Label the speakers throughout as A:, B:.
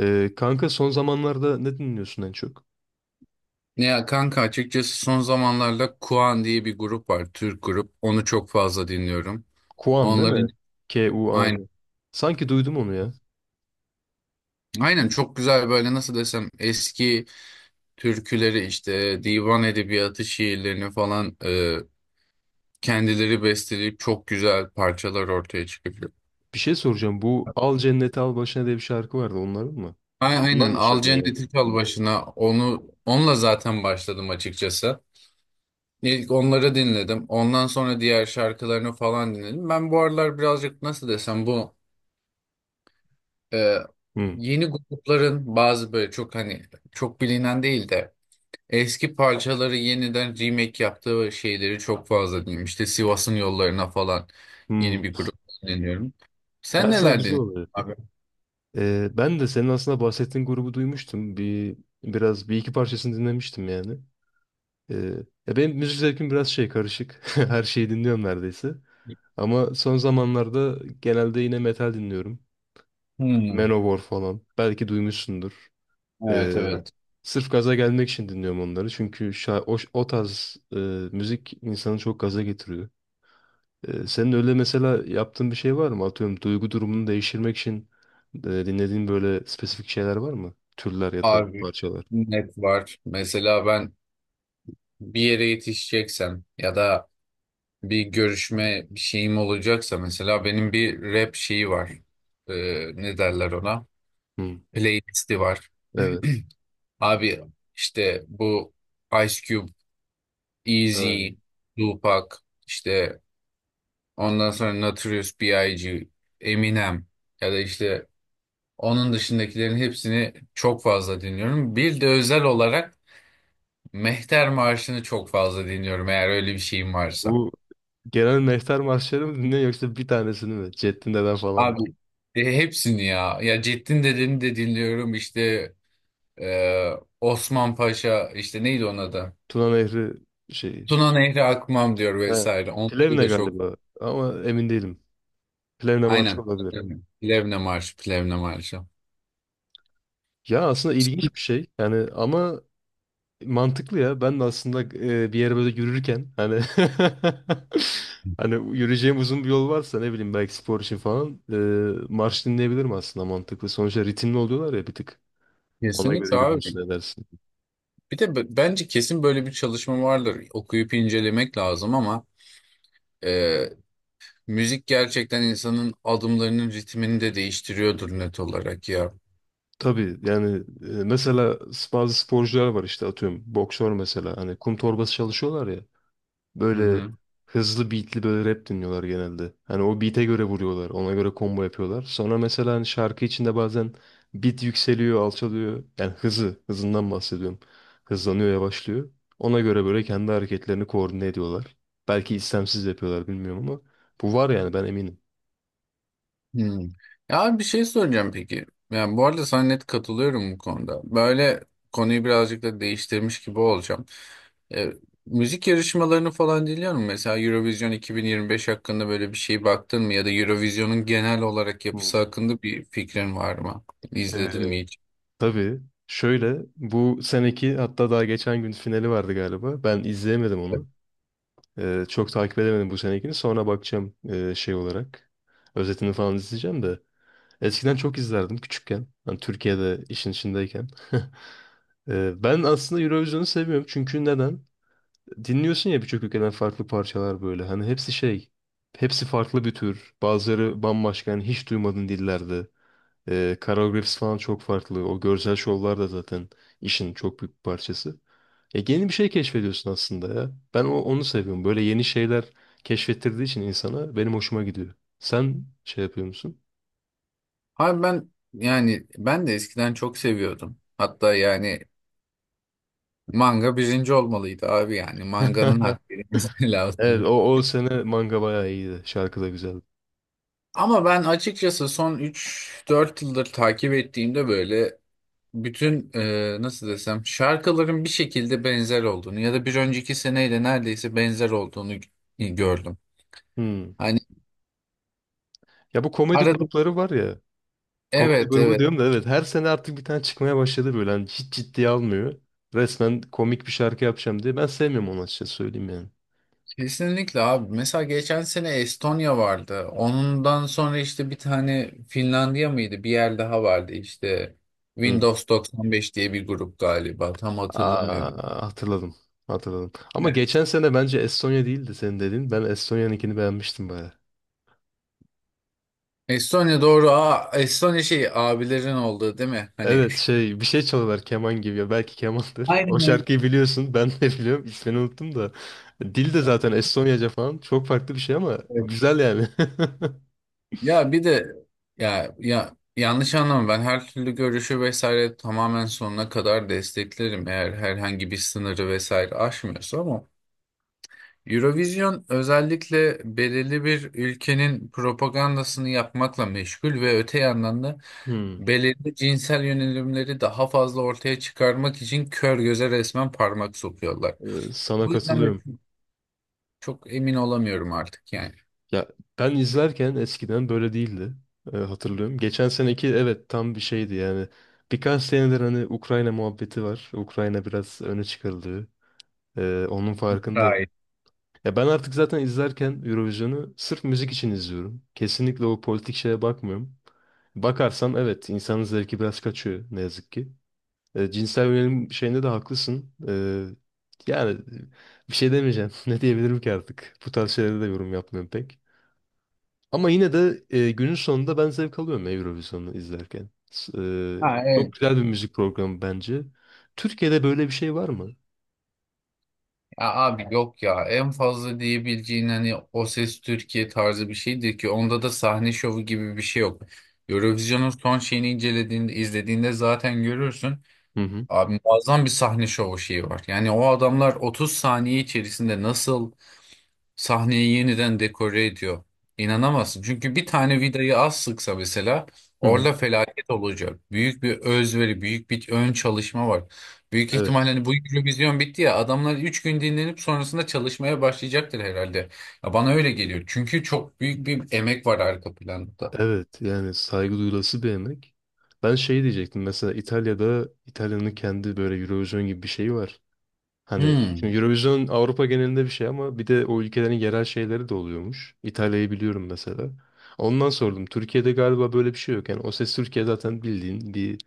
A: Kanka son zamanlarda ne dinliyorsun en çok?
B: Ya kanka açıkçası son zamanlarda Kuan diye bir grup var. Türk grup. Onu çok fazla dinliyorum.
A: Kuan değil
B: Onların
A: mi?
B: aynen.
A: Kuan. Sanki duydum onu ya.
B: Aynen çok güzel böyle nasıl desem eski türküleri işte divan edebiyatı şiirlerini falan kendileri besteleyip çok güzel parçalar ortaya çıkıyor.
A: Bir şey soracağım. Bu Al Cenneti Al Başına diye bir şarkı vardı. Onların mı? Bunlar
B: Aynen
A: mı
B: Al
A: söylüyor yani?
B: Cenneti Çal Başına onunla zaten başladım açıkçası. İlk onları dinledim. Ondan sonra diğer şarkılarını falan dinledim. Ben bu aralar birazcık nasıl desem bu e,
A: Hmm.
B: yeni grupların bazı böyle çok hani çok bilinen değil de eski parçaları yeniden remake yaptığı şeyleri çok fazla dinliyorum. İşte Sivas'ın yollarına falan yeni
A: Hmm.
B: bir grup dinliyorum.
A: Ya
B: Sen
A: aslında
B: neler
A: güzel
B: dinliyorsun
A: oluyor.
B: abi?
A: Ben de senin aslında bahsettiğin grubu duymuştum. Biraz bir iki parçasını dinlemiştim yani. Ee, Ya benim müzik zevkim biraz şey karışık. Her şeyi dinliyorum neredeyse. Ama son zamanlarda genelde yine metal dinliyorum.
B: Hmm,
A: Manowar falan. Belki duymuşsundur. Ee,
B: evet evet.
A: Sırf gaza gelmek için dinliyorum onları. Çünkü o tarz müzik insanı çok gaza getiriyor. Senin öyle mesela yaptığın bir şey var mı? Atıyorum duygu durumunu değiştirmek için dinlediğin böyle spesifik şeyler var mı? Türler ya da
B: Abi
A: parçalar.
B: net var. Mesela ben bir yere yetişeceksem ya da bir görüşme bir şeyim olacaksa mesela benim bir rap şeyi var. Ee, ne derler ona?
A: Hı,
B: Playlisti var.
A: evet.
B: Abi işte bu Ice Cube,
A: Ha.
B: Easy, Tupac, işte ondan sonra Notorious B.I.G., Eminem ya da işte onun dışındakilerin hepsini çok fazla dinliyorum. Bir de özel olarak Mehter Marşı'nı çok fazla dinliyorum eğer öyle bir şeyim varsa.
A: Bu genel mehter marşları mı dinliyorsun yoksa bir tanesini mi? Ceddin Deden falan mı?
B: Abi hepsini ya. Ya Ceddin Dede'ni de dinliyorum işte e, Osman Paşa işte neydi onun adı?
A: Tuna Nehri şeyi.
B: Tuna Nehri Akmam diyor
A: He.
B: vesaire. Onları
A: Plevne
B: da çok.
A: galiba, ama emin değilim. Plevne marşı
B: Aynen.
A: olabilir.
B: Plevne Marşı, Plevne Marşı.
A: Ya aslında ilginç bir şey. Yani ama mantıklı ya. Ben de aslında bir yere böyle yürürken hani hani yürüyeceğim uzun bir yol varsa ne bileyim belki spor için falan marş dinleyebilirim, aslında mantıklı. Sonuçta ritimli oluyorlar ya bir tık. Ona göre
B: Kesinlikle
A: yürürsün,
B: abi.
A: edersin.
B: Bir de bence kesin böyle bir çalışma vardır. Okuyup incelemek lazım ama e, müzik gerçekten insanın adımlarının ritmini de değiştiriyordur net olarak ya.
A: Tabii yani mesela bazı sporcular var, işte atıyorum boksör mesela, hani kum torbası çalışıyorlar ya.
B: Hı
A: Böyle
B: hı.
A: hızlı beatli böyle rap dinliyorlar genelde. Hani o beat'e göre vuruyorlar. Ona göre combo yapıyorlar. Sonra mesela hani şarkı içinde bazen beat yükseliyor, alçalıyor. Yani hızı, hızından bahsediyorum. Hızlanıyor, yavaşlıyor. Ona göre böyle kendi hareketlerini koordine ediyorlar. Belki istemsiz yapıyorlar, bilmiyorum, ama bu var yani, ben eminim.
B: Hmm. Ya abi bir şey soracağım peki. Yani bu arada sana net katılıyorum bu konuda. Böyle konuyu birazcık da değiştirmiş gibi olacağım. E, müzik yarışmalarını falan dinliyor musun? Mesela Eurovision 2025 hakkında böyle bir şey baktın mı? Ya da Eurovision'un genel olarak
A: Hı.
B: yapısı hakkında bir fikrin var mı? İzledin mi
A: Ee,
B: hiç?
A: tabii, şöyle, bu seneki hatta daha geçen gün finali vardı galiba. Ben izleyemedim onu. Çok takip edemedim bu senekini. Sonra bakacağım şey olarak. Özetini falan izleyeceğim de. Eskiden çok izlerdim küçükken. Hani Türkiye'de işin içindeyken. Ben aslında Eurovision'u seviyorum. Çünkü neden? Dinliyorsun ya birçok ülkeden farklı parçalar böyle. Hani hepsi şey. Hepsi farklı bir tür. Bazıları bambaşka. Yani hiç duymadığın dillerde. Koreografisi falan çok farklı. O görsel şovlar da zaten işin çok büyük bir parçası. Yeni bir şey keşfediyorsun aslında ya. Ben onu seviyorum. Böyle yeni şeyler keşfettirdiği için insana benim hoşuma gidiyor. Sen şey yapıyor musun?
B: Abi ben yani ben de eskiden çok seviyordum. Hatta yani manga birinci olmalıydı abi yani. Manganın hakkı verilmesi
A: Evet
B: lazım.
A: o sene manga bayağı iyiydi. Şarkı da güzeldi.
B: Ama ben açıkçası son üç dört yıldır takip ettiğimde böyle bütün nasıl desem şarkıların bir şekilde benzer olduğunu ya da bir önceki seneyle neredeyse benzer olduğunu gördüm.
A: Hmm.
B: Hani
A: Ya bu komedi
B: arada
A: grupları var ya. Komedi
B: evet
A: grubu
B: evet,
A: diyorum da, evet her sene artık bir tane çıkmaya başladı böyle. Hani hiç ciddiye almıyor. Resmen komik bir şarkı yapacağım diye. Ben sevmiyorum onu, açıkçası söyleyeyim yani.
B: kesinlikle abi. Mesela geçen sene Estonya vardı. Ondan sonra işte bir tane Finlandiya mıydı? Bir yer daha vardı işte
A: Hmm.
B: Windows 95 diye bir grup galiba. Tam hatırlamıyorum.
A: Aa, hatırladım. Hatırladım. Ama geçen sene bence Estonya değildi senin dediğin. Ben Estonya'nınkini beğenmiştim baya.
B: Estonya doğru. Aa, Estonya şey abilerin olduğu değil mi? Hani
A: Evet, şey, bir şey çalıyorlar, keman gibi ya, belki kemandır. O
B: aynen öyle.
A: şarkıyı biliyorsun, ben de biliyorum, ismini unuttum da. Dil de zaten Estonyaca falan, çok farklı bir şey ama güzel yani.
B: Ya bir de ya yanlış anlama, ben her türlü görüşü vesaire tamamen sonuna kadar desteklerim eğer herhangi bir sınırı vesaire aşmıyorsa, ama Eurovision özellikle belirli bir ülkenin propagandasını yapmakla meşgul ve öte yandan da
A: Hmm,
B: belirli cinsel yönelimleri daha fazla ortaya çıkarmak için kör göze resmen parmak sokuyorlar.
A: Sana
B: Bu yüzden de
A: katılıyorum.
B: çok emin olamıyorum artık yani.
A: Ya ben izlerken eskiden böyle değildi. Hatırlıyorum. Geçen seneki evet, tam bir şeydi yani. Birkaç senedir hani Ukrayna muhabbeti var. Ukrayna biraz öne çıkarıldı. Onun farkındayım.
B: Gayet.
A: Ya ben artık zaten izlerken Eurovision'u sırf müzik için izliyorum. Kesinlikle o politik şeye bakmıyorum. Bakarsam evet, insanın zevki biraz kaçıyor ne yazık ki. Cinsel yönelim şeyinde de haklısın. Yani bir şey demeyeceğim. Ne diyebilirim ki artık? Bu tarz şeylere de yorum yapmıyorum pek. Ama yine de günün sonunda ben zevk alıyorum ya Eurovision'u izlerken.
B: Ha,
A: Çok
B: evet.
A: güzel bir müzik programı bence. Türkiye'de böyle bir şey var mı?
B: Ya abi yok ya, en fazla diyebileceğin hani O Ses Türkiye tarzı bir şeydir ki onda da sahne şovu gibi bir şey yok. Eurovision'un son şeyini incelediğinde izlediğinde zaten görürsün.
A: Hı hı.
B: Abi muazzam bir sahne şovu şeyi var. Yani o adamlar 30 saniye içerisinde nasıl sahneyi yeniden dekore ediyor. İnanamazsın. Çünkü bir tane vidayı az sıksa mesela
A: Hı hı.
B: orada felaket olacak. Büyük bir özveri, büyük bir ön çalışma var. Büyük
A: Evet.
B: ihtimalle hani bu Eurovision bitti ya, adamlar 3 gün dinlenip sonrasında çalışmaya başlayacaktır herhalde. Ya bana öyle geliyor. Çünkü çok büyük bir emek var arka planda.
A: Evet, yani saygı duyulası bir yemek. Ben şey diyecektim, mesela İtalya'da, İtalya'nın kendi böyle Eurovision gibi bir şeyi var. Hani
B: Hmm.
A: şimdi Eurovision Avrupa genelinde bir şey ama bir de o ülkelerin yerel şeyleri de oluyormuş. İtalya'yı biliyorum mesela. Ondan sordum. Türkiye'de galiba böyle bir şey yok. Yani O Ses Türkiye zaten bildiğin bir,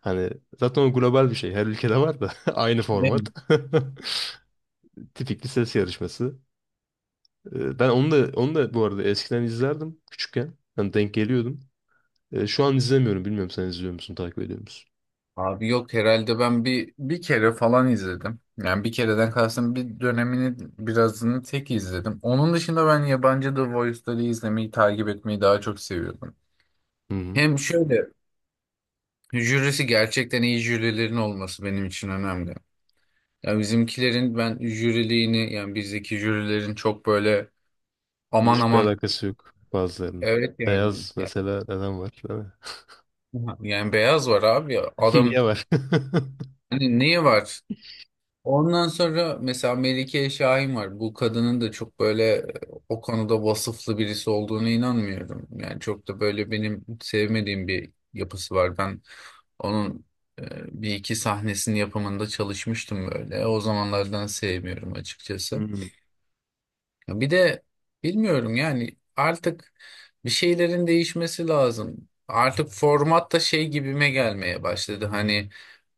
A: hani, zaten o global bir şey. Her ülkede var da aynı format. Tipik bir ses yarışması. Ben onu da onu da bu arada eskiden izlerdim küçükken. Hani denk geliyordum. Şu an izlemiyorum. Bilmiyorum, sen izliyor musun, takip ediyor musun?
B: Abi yok herhalde, ben bir kere falan izledim. Yani bir kereden kastım bir dönemini birazını tek izledim. Onun dışında ben yabancı The Voice'ları izlemeyi takip etmeyi daha çok seviyordum.
A: Hı hı.
B: Hem şöyle jürisi gerçekten iyi jürilerin olması benim için önemli. Yani bizimkilerin ben jüriliğini, yani bizdeki jürilerin çok böyle aman
A: Müzikle
B: aman,
A: alakası yok bazılarının.
B: evet yani
A: Beyaz
B: yani,
A: mesela neden var, değil mi?
B: yani beyaz var abi ya, adam
A: Niye var?
B: hani neyi var? Ondan sonra mesela Melike Şahin var. Bu kadının da çok böyle o konuda vasıflı birisi olduğunu inanmıyorum. Yani çok da böyle benim sevmediğim bir yapısı var. Ben onun e, bir iki sahnesinin yapımında çalışmıştım böyle. O zamanlardan sevmiyorum açıkçası.
A: Hmm,
B: Ya bir de bilmiyorum yani, artık bir şeylerin değişmesi lazım. Artık format da şey gibime gelmeye başladı. Hani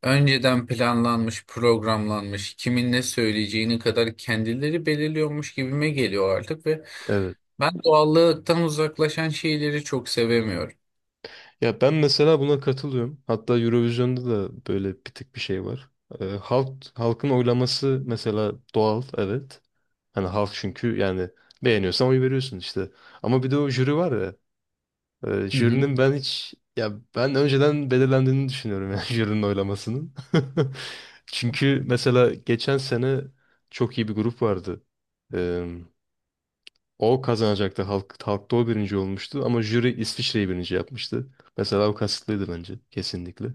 B: önceden planlanmış, programlanmış, kimin ne söyleyeceğini kadar kendileri belirliyormuş gibime geliyor artık ve
A: evet.
B: ben doğallıktan uzaklaşan şeyleri çok sevemiyorum.
A: Ya ben mesela buna katılıyorum. Hatta Eurovision'da da böyle bir tık bir şey var. Halk, halkın oylaması mesela doğal, evet. Hani halk çünkü yani beğeniyorsan oy veriyorsun işte. Ama bir de o jüri var ya.
B: Hı hı.
A: Jürinin ben hiç, ya ben önceden belirlendiğini düşünüyorum yani jürinin oylamasının. Çünkü mesela geçen sene çok iyi bir grup vardı. Ee, O kazanacaktı. Halk, halkta o birinci olmuştu ama jüri İsviçre'yi birinci yapmıştı. Mesela o kasıtlıydı bence, kesinlikle.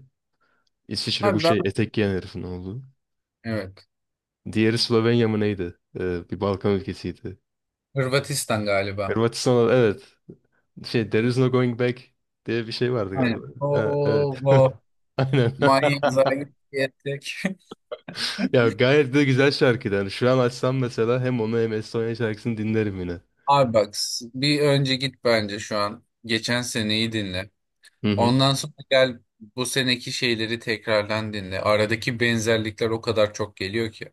A: İsviçre bu
B: Abi ben,
A: şey, etek giyen herifin oğlu.
B: evet.
A: Diğeri Slovenya mı neydi? Bir Balkan ülkesiydi.
B: Hırvatistan galiba.
A: Hırvatistan, evet. Şey, There is no going back diye bir şey vardı
B: Aynen.
A: galiba. Ha,
B: Oo,
A: evet.
B: bu
A: Aynen.
B: manyak zayi diyecek.
A: Ya gayet de güzel şarkıydı. Yani şu an açsam mesela, hem onu hem Estonya şarkısını dinlerim yine.
B: Abi bak, bir önce git bence şu an. Geçen seneyi dinle.
A: Hı hı.
B: Ondan sonra gel bu seneki şeyleri tekrardan dinle. Aradaki benzerlikler o kadar çok geliyor ki.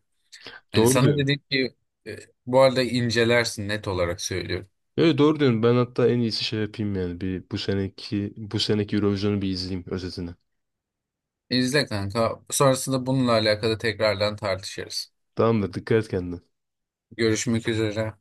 B: Hani
A: Doğru
B: sana
A: diyorsun.
B: dedik ki e, bu arada incelersin net olarak söylüyorum.
A: Evet, doğru diyorsun. Ben hatta en iyisi şey yapayım yani. Bir bu seneki Eurovision'u bir izleyeyim, özetini.
B: İzle kanka. Sonrasında bununla alakalı tekrardan tartışırız.
A: Tamamdır. Dikkat et kendine.
B: Görüşmek üzere.